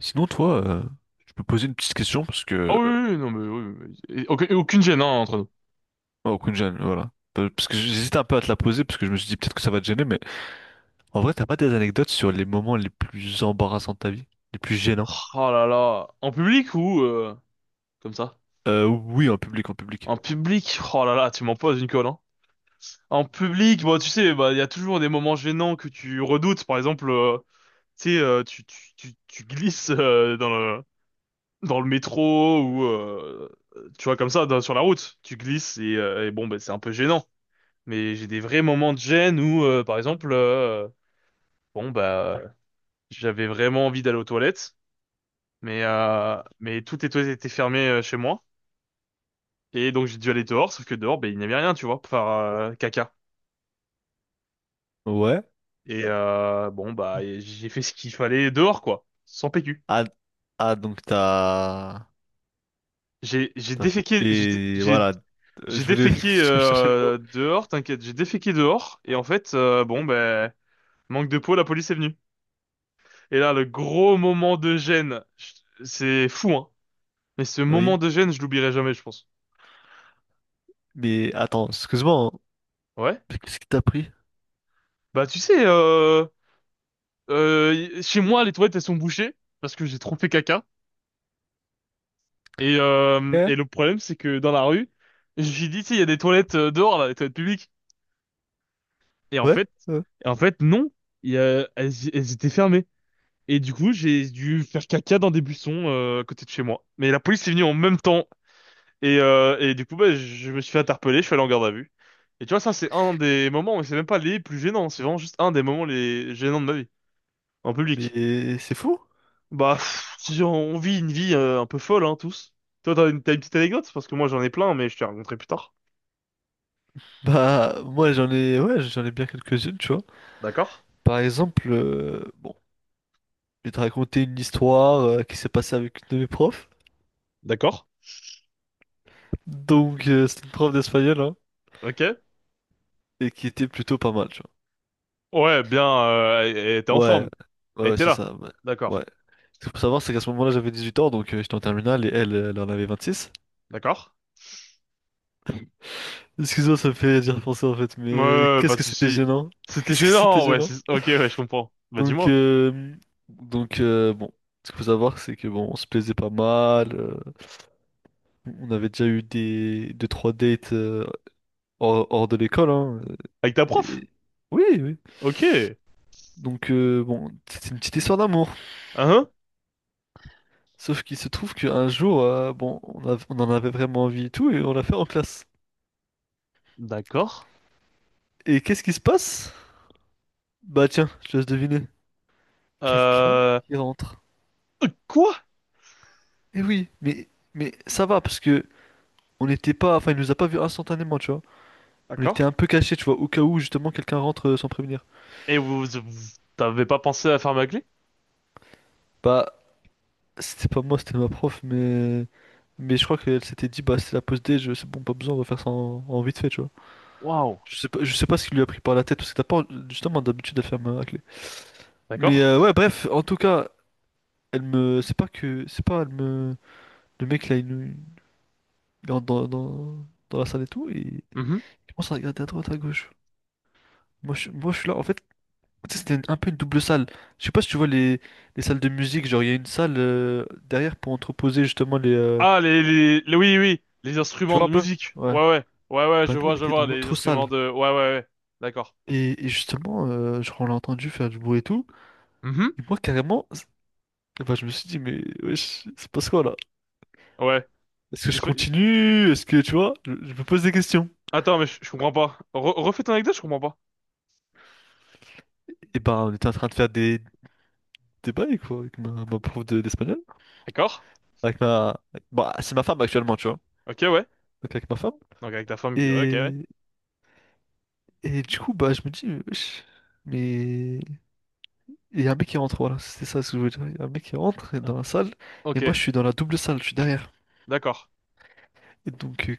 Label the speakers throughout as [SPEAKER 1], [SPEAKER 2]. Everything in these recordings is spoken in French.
[SPEAKER 1] Sinon, toi, je peux poser une petite question parce
[SPEAKER 2] Ah
[SPEAKER 1] que.
[SPEAKER 2] oui,
[SPEAKER 1] Euh,
[SPEAKER 2] oui, oui, non, mais oui, oui, oui. Et aucun- et Aucune gêne, hein, entre nous.
[SPEAKER 1] Oh, Kunjan, voilà. Parce que j'hésite un peu à te la poser parce que je me suis dit peut-être que ça va te gêner, mais en vrai, t'as pas des anecdotes sur les moments les plus embarrassants de ta vie, les plus gênants?
[SPEAKER 2] Oh là là. En public ou comme ça?
[SPEAKER 1] Oui, en public, en public.
[SPEAKER 2] En public, oh là là, tu m'en poses une colle, hein. En public, bon, tu sais, bah, il y a toujours des moments gênants que tu redoutes. Par exemple, tu sais, tu glisses dans le métro ou, tu vois, comme ça, sur la route. Tu glisses et bon, bah, c'est un peu gênant. Mais j'ai des vrais moments de gêne où, par exemple, bon, bah, j'avais vraiment envie d'aller aux toilettes. Mais tout était fermé chez moi. Et donc j'ai dû aller dehors, sauf que dehors, ben, il n'y avait rien, tu vois, pour faire caca.
[SPEAKER 1] Ouais.
[SPEAKER 2] Et bon, bah, et j'ai fait ce qu'il fallait dehors, quoi, sans PQ.
[SPEAKER 1] Ah, ah donc t'as.
[SPEAKER 2] J'ai
[SPEAKER 1] T'as
[SPEAKER 2] déféqué, j'ai dé-
[SPEAKER 1] fait.
[SPEAKER 2] j'ai
[SPEAKER 1] Voilà.
[SPEAKER 2] j'ai
[SPEAKER 1] Je voulais.
[SPEAKER 2] déféqué
[SPEAKER 1] Je cherchais le mot.
[SPEAKER 2] dehors, t'inquiète, j'ai déféqué dehors. Et en fait, bon, ben, manque de peau, la police est venue. Et là, le gros moment de gêne, c'est fou, hein. Mais ce
[SPEAKER 1] Oui.
[SPEAKER 2] moment de gêne, je l'oublierai jamais, je pense.
[SPEAKER 1] Mais attends, excuse-moi, hein.
[SPEAKER 2] Ouais.
[SPEAKER 1] Mais qu'est-ce qui t'a pris?
[SPEAKER 2] Bah, tu sais, Euh, chez moi, les toilettes, elles sont bouchées parce que j'ai trop fait caca. Et, euh,
[SPEAKER 1] Hein.
[SPEAKER 2] et le problème, c'est que dans la rue, je me suis dit, tu sais, il y a des toilettes dehors, là, des toilettes publiques. Et en
[SPEAKER 1] Ouais,
[SPEAKER 2] fait,
[SPEAKER 1] ouais.
[SPEAKER 2] en fait, non, elles étaient fermées. Et du coup, j'ai dû faire caca dans des buissons à côté de chez moi. Mais la police est venue en même temps. Et du coup, bah, je me suis fait interpeller, je suis allé en garde à vue. Et tu vois, ça, c'est un des moments, mais c'est même pas les plus gênants, c'est vraiment juste un des moments les gênants de ma vie, en public.
[SPEAKER 1] Mais c'est fou.
[SPEAKER 2] Bah, pff, si on vit une vie un peu folle, hein, tous. Toi, t'as une petite anecdote? Parce que moi, j'en ai plein, mais je te raconterai plus tard.
[SPEAKER 1] Bah, moi, j'en ai. Ouais, j'en ai bien quelques-unes, tu vois.
[SPEAKER 2] D'accord?
[SPEAKER 1] Par exemple, bon, je vais te raconter une histoire qui s'est passée avec une de mes profs.
[SPEAKER 2] D'accord?
[SPEAKER 1] Donc, c'est une prof d'espagnol, hein,
[SPEAKER 2] Ok.
[SPEAKER 1] et qui était plutôt pas mal, tu
[SPEAKER 2] Ouais, bien, elle était en
[SPEAKER 1] vois. Ouais,
[SPEAKER 2] forme.
[SPEAKER 1] ouais,
[SPEAKER 2] Elle
[SPEAKER 1] ouais,
[SPEAKER 2] était
[SPEAKER 1] c'est
[SPEAKER 2] là.
[SPEAKER 1] ça. Ouais.
[SPEAKER 2] D'accord.
[SPEAKER 1] Ouais. Ce qu'il faut savoir, c'est qu'à ce moment-là, j'avais 18 ans, donc j'étais en terminale, et elle, elle en avait 26.
[SPEAKER 2] D'accord?
[SPEAKER 1] Excuse-moi, ça me fait dire penser, en fait, mais
[SPEAKER 2] Ouais, pas
[SPEAKER 1] qu'est-ce
[SPEAKER 2] de
[SPEAKER 1] que c'était
[SPEAKER 2] souci.
[SPEAKER 1] gênant?
[SPEAKER 2] C'était
[SPEAKER 1] Qu'est-ce que c'était
[SPEAKER 2] gênant, ouais.
[SPEAKER 1] gênant?
[SPEAKER 2] Ok, ouais, je comprends. Bah,
[SPEAKER 1] Donc,
[SPEAKER 2] dis-moi.
[SPEAKER 1] euh, donc bon, ce qu'il faut savoir, c'est que bon, on se plaisait pas mal. On avait déjà eu des deux trois dates hors, hors de l'école, hein.
[SPEAKER 2] Avec ta prof?
[SPEAKER 1] Et- oui, oui.
[SPEAKER 2] Ok.
[SPEAKER 1] Donc, bon, c'est une petite histoire d'amour.
[SPEAKER 2] Hein?
[SPEAKER 1] Sauf qu'il se trouve qu'un jour, bon, on a- on en avait vraiment envie et tout, et on l'a fait en classe.
[SPEAKER 2] D'accord.
[SPEAKER 1] Et qu'est-ce qui se passe? Bah tiens, je te laisse deviner. Quelqu'un
[SPEAKER 2] Euh...
[SPEAKER 1] qui rentre.
[SPEAKER 2] Quoi?
[SPEAKER 1] Eh oui, mais ça va, parce que on n'était pas... Enfin, il nous a pas vus instantanément, tu vois. On était un
[SPEAKER 2] D'accord.
[SPEAKER 1] peu cachés, tu vois, au cas où, justement, quelqu'un rentre sans prévenir.
[SPEAKER 2] Et t'avais pas pensé à faire ma clé?
[SPEAKER 1] Bah, c'était pas moi, c'était ma prof, mais... Mais je crois qu'elle s'était dit, bah, c'est la pause D, je... c'est bon, pas besoin, on va faire ça en vite fait, tu vois.
[SPEAKER 2] Waouh.
[SPEAKER 1] Je sais pas ce qui lui a pris par la tête, parce que t'as pas justement d'habitude à faire ma raclée. Mais
[SPEAKER 2] D'accord.
[SPEAKER 1] ouais, bref, en tout cas, elle me. C'est pas que. C'est pas, elle me. Le mec là, il entre dans la salle et tout, et il commence à regarder à droite, à gauche. Moi, je suis là, en fait, tu sais, c'était un peu une double salle. Je sais pas si tu vois les salles de musique, genre il y a une salle derrière pour entreposer justement les.
[SPEAKER 2] Ah, oui, oui, les
[SPEAKER 1] Tu
[SPEAKER 2] instruments
[SPEAKER 1] vois un
[SPEAKER 2] de
[SPEAKER 1] peu?
[SPEAKER 2] musique.
[SPEAKER 1] Ouais.
[SPEAKER 2] Ouais, ouais, ouais, ouais,
[SPEAKER 1] Bah nous, on
[SPEAKER 2] je
[SPEAKER 1] était
[SPEAKER 2] vois,
[SPEAKER 1] dans
[SPEAKER 2] les
[SPEAKER 1] l'autre
[SPEAKER 2] instruments
[SPEAKER 1] salle.
[SPEAKER 2] de, ouais, ouais, ouais, d'accord,
[SPEAKER 1] Et justement, genre, on l'a entendu faire du bruit et tout.
[SPEAKER 2] Mhm.
[SPEAKER 1] Et moi, carrément. Enfin, je me suis dit, mais wesh, c'est passe quoi là?
[SPEAKER 2] Ouais.
[SPEAKER 1] Est-ce que
[SPEAKER 2] Il
[SPEAKER 1] je
[SPEAKER 2] se fait-
[SPEAKER 1] continue? Est-ce que tu vois? Je me pose des questions.
[SPEAKER 2] Attends, mais je comprends pas. Refais ton anecdote, je comprends pas.
[SPEAKER 1] Et ben, on était en train de faire des bails quoi, avec ma prof de- d'espagnol.
[SPEAKER 2] D'accord,
[SPEAKER 1] Avec ma. Bah, c'est ma femme actuellement, tu vois.
[SPEAKER 2] ok, ouais.
[SPEAKER 1] Donc, avec ma femme.
[SPEAKER 2] Donc avec ta femme qui, ouais, ok, ouais.
[SPEAKER 1] Et, et du coup, bah, je me dis, mais wesh, mais. Il y a un mec qui rentre, voilà, c'était ça ce que je voulais dire. Il y a un mec qui rentre
[SPEAKER 2] Ah.
[SPEAKER 1] dans la salle, et
[SPEAKER 2] Ok,
[SPEAKER 1] moi, je suis dans la double salle, je suis derrière.
[SPEAKER 2] d'accord,
[SPEAKER 1] Et donc,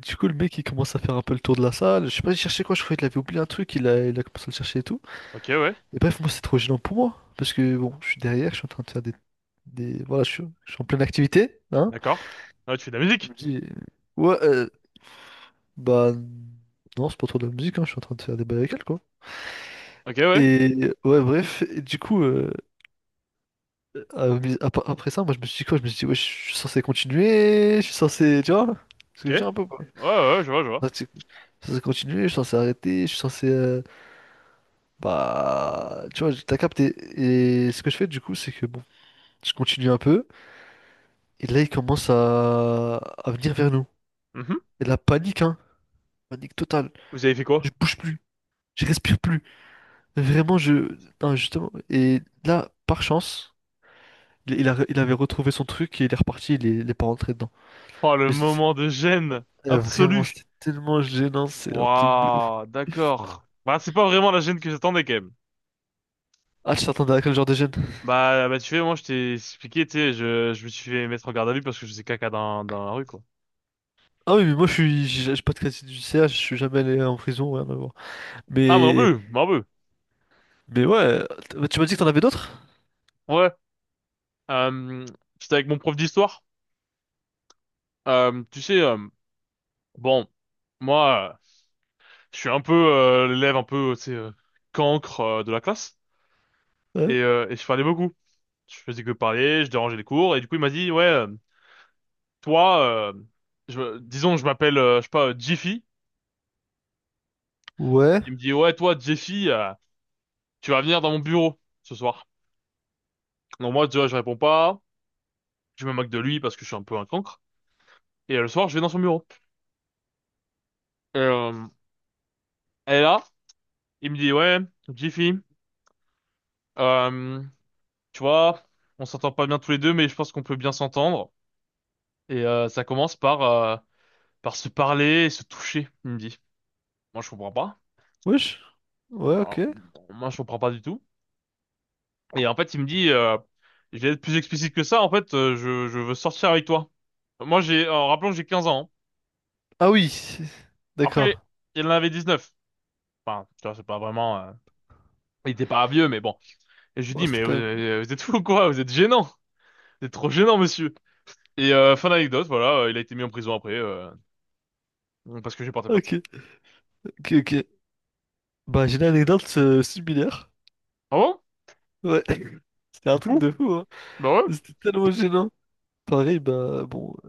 [SPEAKER 1] du coup, le mec, il commence à faire un peu le tour de la salle. Je sais pas, il cherchait quoi, je croyais qu'il avait oublié un truc, il a commencé à le chercher et tout.
[SPEAKER 2] ok, ouais,
[SPEAKER 1] Et bref, moi, c'est trop gênant pour moi. Parce que, bon, je suis derrière, je suis en train de faire des... Voilà, je suis en pleine activité, hein.
[SPEAKER 2] d'accord. Ah, tu fais de la
[SPEAKER 1] Je
[SPEAKER 2] musique,
[SPEAKER 1] me dis, ouais, bah... Non, c'est pas trop de la musique, hein, je suis en train de faire des bails avec elle, quoi.
[SPEAKER 2] ok, ouais,
[SPEAKER 1] Et, ouais, bref, et du coup, à- après ça, moi, je me suis dit quoi? Je me suis dit, ouais, je suis censé continuer, je suis censé... Tu vois? Ce
[SPEAKER 2] ok.
[SPEAKER 1] que je veux dire un peu, quoi.
[SPEAKER 2] Ouais, ouais, je vois, je vois.
[SPEAKER 1] Je suis censé continuer, je suis censé arrêter, je suis censé... bah... Tu vois, t'as capté. Et ce que je fais, du coup, c'est que, bon, je continue un peu. Et là, il commence à venir vers nous.
[SPEAKER 2] Mhm.
[SPEAKER 1] Et la panique, hein. Panique totale.
[SPEAKER 2] Vous avez fait quoi?
[SPEAKER 1] Je bouge plus. Je respire plus. Vraiment, je. Non, justement. Et là, par chance, il avait retrouvé son truc et il est reparti. Il est pas rentré dedans.
[SPEAKER 2] Oh, le
[SPEAKER 1] Mais
[SPEAKER 2] moment de gêne
[SPEAKER 1] vraiment,
[SPEAKER 2] absolu.
[SPEAKER 1] c'était tellement gênant. C'est un truc de ouf.
[SPEAKER 2] Waouh, d'accord. Bah, c'est pas vraiment la gêne que j'attendais, quand même.
[SPEAKER 1] Ah, tu t'attendais à quel genre de gêne?
[SPEAKER 2] Bah, bah, tu sais, moi, je t'ai expliqué, tu sais, je me suis fait mettre en garde à vue parce que je faisais caca dans la rue, quoi.
[SPEAKER 1] Ah oui, mais moi, je suis. J'ai pas de crédit du CH. Je suis jamais allé en prison. Rien à voir.
[SPEAKER 2] Ah, moi non
[SPEAKER 1] Mais.
[SPEAKER 2] plus, moi non plus.
[SPEAKER 1] Mais ouais. Tu m'as dit que t'en avais d'autres?
[SPEAKER 2] Ouais. Euh, c'était avec mon prof d'histoire. Tu sais, bon, moi, je suis un peu l'élève un peu, tu sais, cancre de la classe.
[SPEAKER 1] Ouais.
[SPEAKER 2] Et je parlais beaucoup. Je faisais que parler, je dérangeais les cours. Et du coup, il m'a dit, ouais, toi, je, disons, que je m'appelle, je sais pas, Jiffy.
[SPEAKER 1] Ouais.
[SPEAKER 2] Il me dit, ouais, toi, Jiffy, tu vas venir dans mon bureau ce soir. Donc moi, tu vois, je réponds pas. Je me moque de lui parce que je suis un peu un cancre. Et le soir, je vais dans son bureau. Et, euh, elle est là. Il me dit, ouais, Jiffy, euh, tu vois, on s'entend pas bien tous les deux, mais je pense qu'on peut bien s'entendre. Et ça commence par, par se parler et se toucher, il me dit. Moi, je comprends pas.
[SPEAKER 1] Wesh. Ouais, ok.
[SPEAKER 2] Alors, bon, moi, je comprends pas du tout. Et en fait, il me dit, je vais être plus explicite que ça. En fait, je veux sortir avec toi. Moi, en rappelant que j'ai 15 ans, hein.
[SPEAKER 1] Ah oui. D'accord.
[SPEAKER 2] Après, il en avait 19. Enfin, tu vois, c'est pas vraiment, il était pas vieux, mais bon. Et je lui
[SPEAKER 1] Bon,
[SPEAKER 2] dis,
[SPEAKER 1] c'était
[SPEAKER 2] mais vous,
[SPEAKER 1] quand même.
[SPEAKER 2] euh, vous êtes fou ou quoi? Vous êtes gênant. Vous êtes trop gênant, monsieur. Et fin d'anecdote, voilà, il a été mis en prison après, parce que j'ai porté plainte.
[SPEAKER 1] Ok, ok, ok. Bah, j'ai une anecdote similaire.
[SPEAKER 2] Ah bon?
[SPEAKER 1] Ouais. C'était
[SPEAKER 2] T'es
[SPEAKER 1] un truc
[SPEAKER 2] fou?
[SPEAKER 1] de fou, hein.
[SPEAKER 2] Bah ouais.
[SPEAKER 1] C'était tellement gênant. Pareil, bah, bon, euh,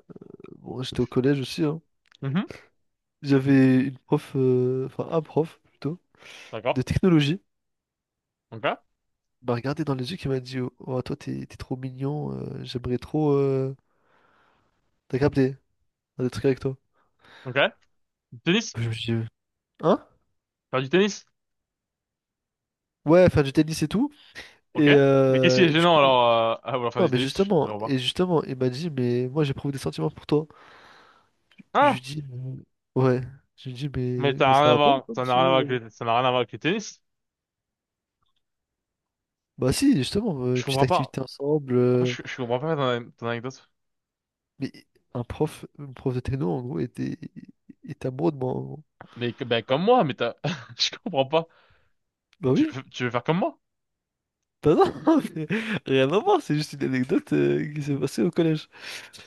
[SPEAKER 1] bon j'étais au collège aussi, hein.
[SPEAKER 2] Mhm.
[SPEAKER 1] J'avais une prof, enfin, un prof, plutôt,
[SPEAKER 2] D'accord.
[SPEAKER 1] de technologie.
[SPEAKER 2] Ok.
[SPEAKER 1] Il m'a regardé dans les yeux, qui m'a dit, oh, oh, toi, t'es trop mignon, j'aimerais trop. T'as capté, faire des trucs avec toi.
[SPEAKER 2] Ok. Du tennis?
[SPEAKER 1] Je me suis dit, hein?
[SPEAKER 2] Faire du tennis?
[SPEAKER 1] Ouais, faire du tennis et tout.
[SPEAKER 2] Ok. Mais qu'est-ce qui est
[SPEAKER 1] Et du
[SPEAKER 2] gênant
[SPEAKER 1] coup,
[SPEAKER 2] alors à vouloir faire
[SPEAKER 1] non,
[SPEAKER 2] du
[SPEAKER 1] mais
[SPEAKER 2] tennis? Je
[SPEAKER 1] justement,
[SPEAKER 2] vois pas.
[SPEAKER 1] et justement, il m'a dit, mais moi, j'éprouve des sentiments pour toi. Je
[SPEAKER 2] Ah!
[SPEAKER 1] lui dis, ouais. Je lui dis,
[SPEAKER 2] Mais
[SPEAKER 1] mais
[SPEAKER 2] t'as
[SPEAKER 1] ça
[SPEAKER 2] rien à
[SPEAKER 1] va pas,
[SPEAKER 2] voir,
[SPEAKER 1] pourquoi,
[SPEAKER 2] ça n'a
[SPEAKER 1] monsieur?
[SPEAKER 2] rien à voir
[SPEAKER 1] euh
[SPEAKER 2] ça n'a rien à voir avec le tennis.
[SPEAKER 1] Bah si, justement,
[SPEAKER 2] Je
[SPEAKER 1] petite
[SPEAKER 2] comprends pas.
[SPEAKER 1] activité ensemble.
[SPEAKER 2] En fait, je comprends pas ton anecdote.
[SPEAKER 1] Mais un prof de techno, en gros, était, était amoureux de moi. En gros.
[SPEAKER 2] Mais ben, comme moi, mais je comprends pas.
[SPEAKER 1] Bah
[SPEAKER 2] Tu
[SPEAKER 1] oui.
[SPEAKER 2] veux, tu veux faire comme moi?
[SPEAKER 1] Bah non, mais rien à voir, c'est juste une anecdote qui s'est passée au collège.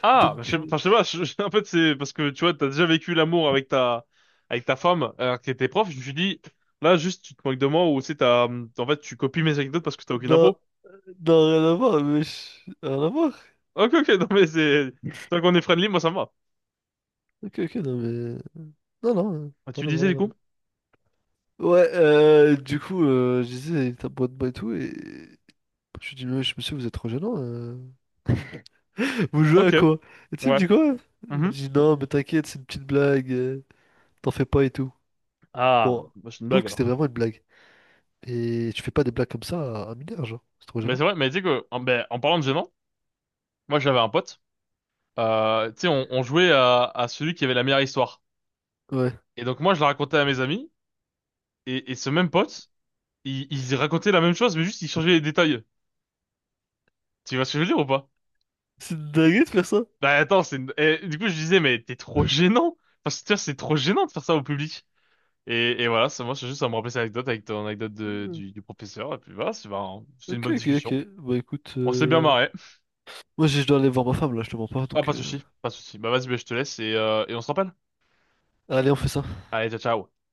[SPEAKER 2] Ah, bah, je
[SPEAKER 1] Donc,
[SPEAKER 2] sais, enfin, je sais pas, en fait, c'est parce que tu vois, t'as déjà vécu l'amour avec ta, femme, alors que t'étais prof, je me suis dit, là, juste, tu te moques de moi, ou c'est t'as, en fait, tu copies mes anecdotes parce que t'as aucune
[SPEAKER 1] non,
[SPEAKER 2] impro.
[SPEAKER 1] non, rien à voir, mais je- rien à voir.
[SPEAKER 2] Ok, ok, non, mais tant qu'on est friendly, moi, ça me va.
[SPEAKER 1] Ok, ok, non, mais... Non, non,
[SPEAKER 2] Ah, tu
[SPEAKER 1] rien
[SPEAKER 2] me
[SPEAKER 1] à voir,
[SPEAKER 2] disais, du
[SPEAKER 1] rien à voir.
[SPEAKER 2] coup?
[SPEAKER 1] Ouais, du coup, je disais, il était amoureux de moi et tout, et... Je lui dis, mais je monsieur, vous êtes trop gênant. Vous jouez à
[SPEAKER 2] Ok,
[SPEAKER 1] quoi? Et tu sais, il me
[SPEAKER 2] ouais.
[SPEAKER 1] dit quoi? Il me
[SPEAKER 2] Mhm.
[SPEAKER 1] dit non, mais t'inquiète, c'est une petite blague, t'en fais pas et tout.
[SPEAKER 2] Ah,
[SPEAKER 1] Bon,
[SPEAKER 2] bah, c'est une
[SPEAKER 1] je trouve
[SPEAKER 2] blague,
[SPEAKER 1] que c'était
[SPEAKER 2] alors.
[SPEAKER 1] vraiment une blague. Et tu fais pas des blagues comme ça à un mineur, genre, c'est trop
[SPEAKER 2] Mais
[SPEAKER 1] gênant.
[SPEAKER 2] c'est vrai, mais tu sais que, en parlant de gênant, moi, j'avais un pote, tu sais, on jouait à celui qui avait la meilleure histoire.
[SPEAKER 1] Ouais.
[SPEAKER 2] Et donc, moi, je la racontais à mes amis, et ce même pote, il racontait la même chose, mais juste, il changeait les détails. Tu vois ce que je veux dire ou pas?
[SPEAKER 1] C'est une dinguerie de faire ça?
[SPEAKER 2] Bah attends, c'est du coup je disais mais t'es trop gênant. Enfin, c'est tu vois, c'est trop gênant de faire ça au public. Et voilà, ça, moi c'est juste à me rappeler cette anecdote avec ton anecdote de-
[SPEAKER 1] Hmm.
[SPEAKER 2] du, du professeur. Et puis voilà, c'est ben, c'est une
[SPEAKER 1] Ok,
[SPEAKER 2] bonne
[SPEAKER 1] ok, ok.
[SPEAKER 2] discussion.
[SPEAKER 1] Bah écoute,
[SPEAKER 2] On s'est bien marré.
[SPEAKER 1] moi je dois aller voir ma femme là, je te mens pas,
[SPEAKER 2] Ah
[SPEAKER 1] donc
[SPEAKER 2] pas de souci, pas de souci. Bah vas-y, bah, je te laisse et on se rappelle.
[SPEAKER 1] allez, on fait ça.
[SPEAKER 2] Allez, ciao ciao.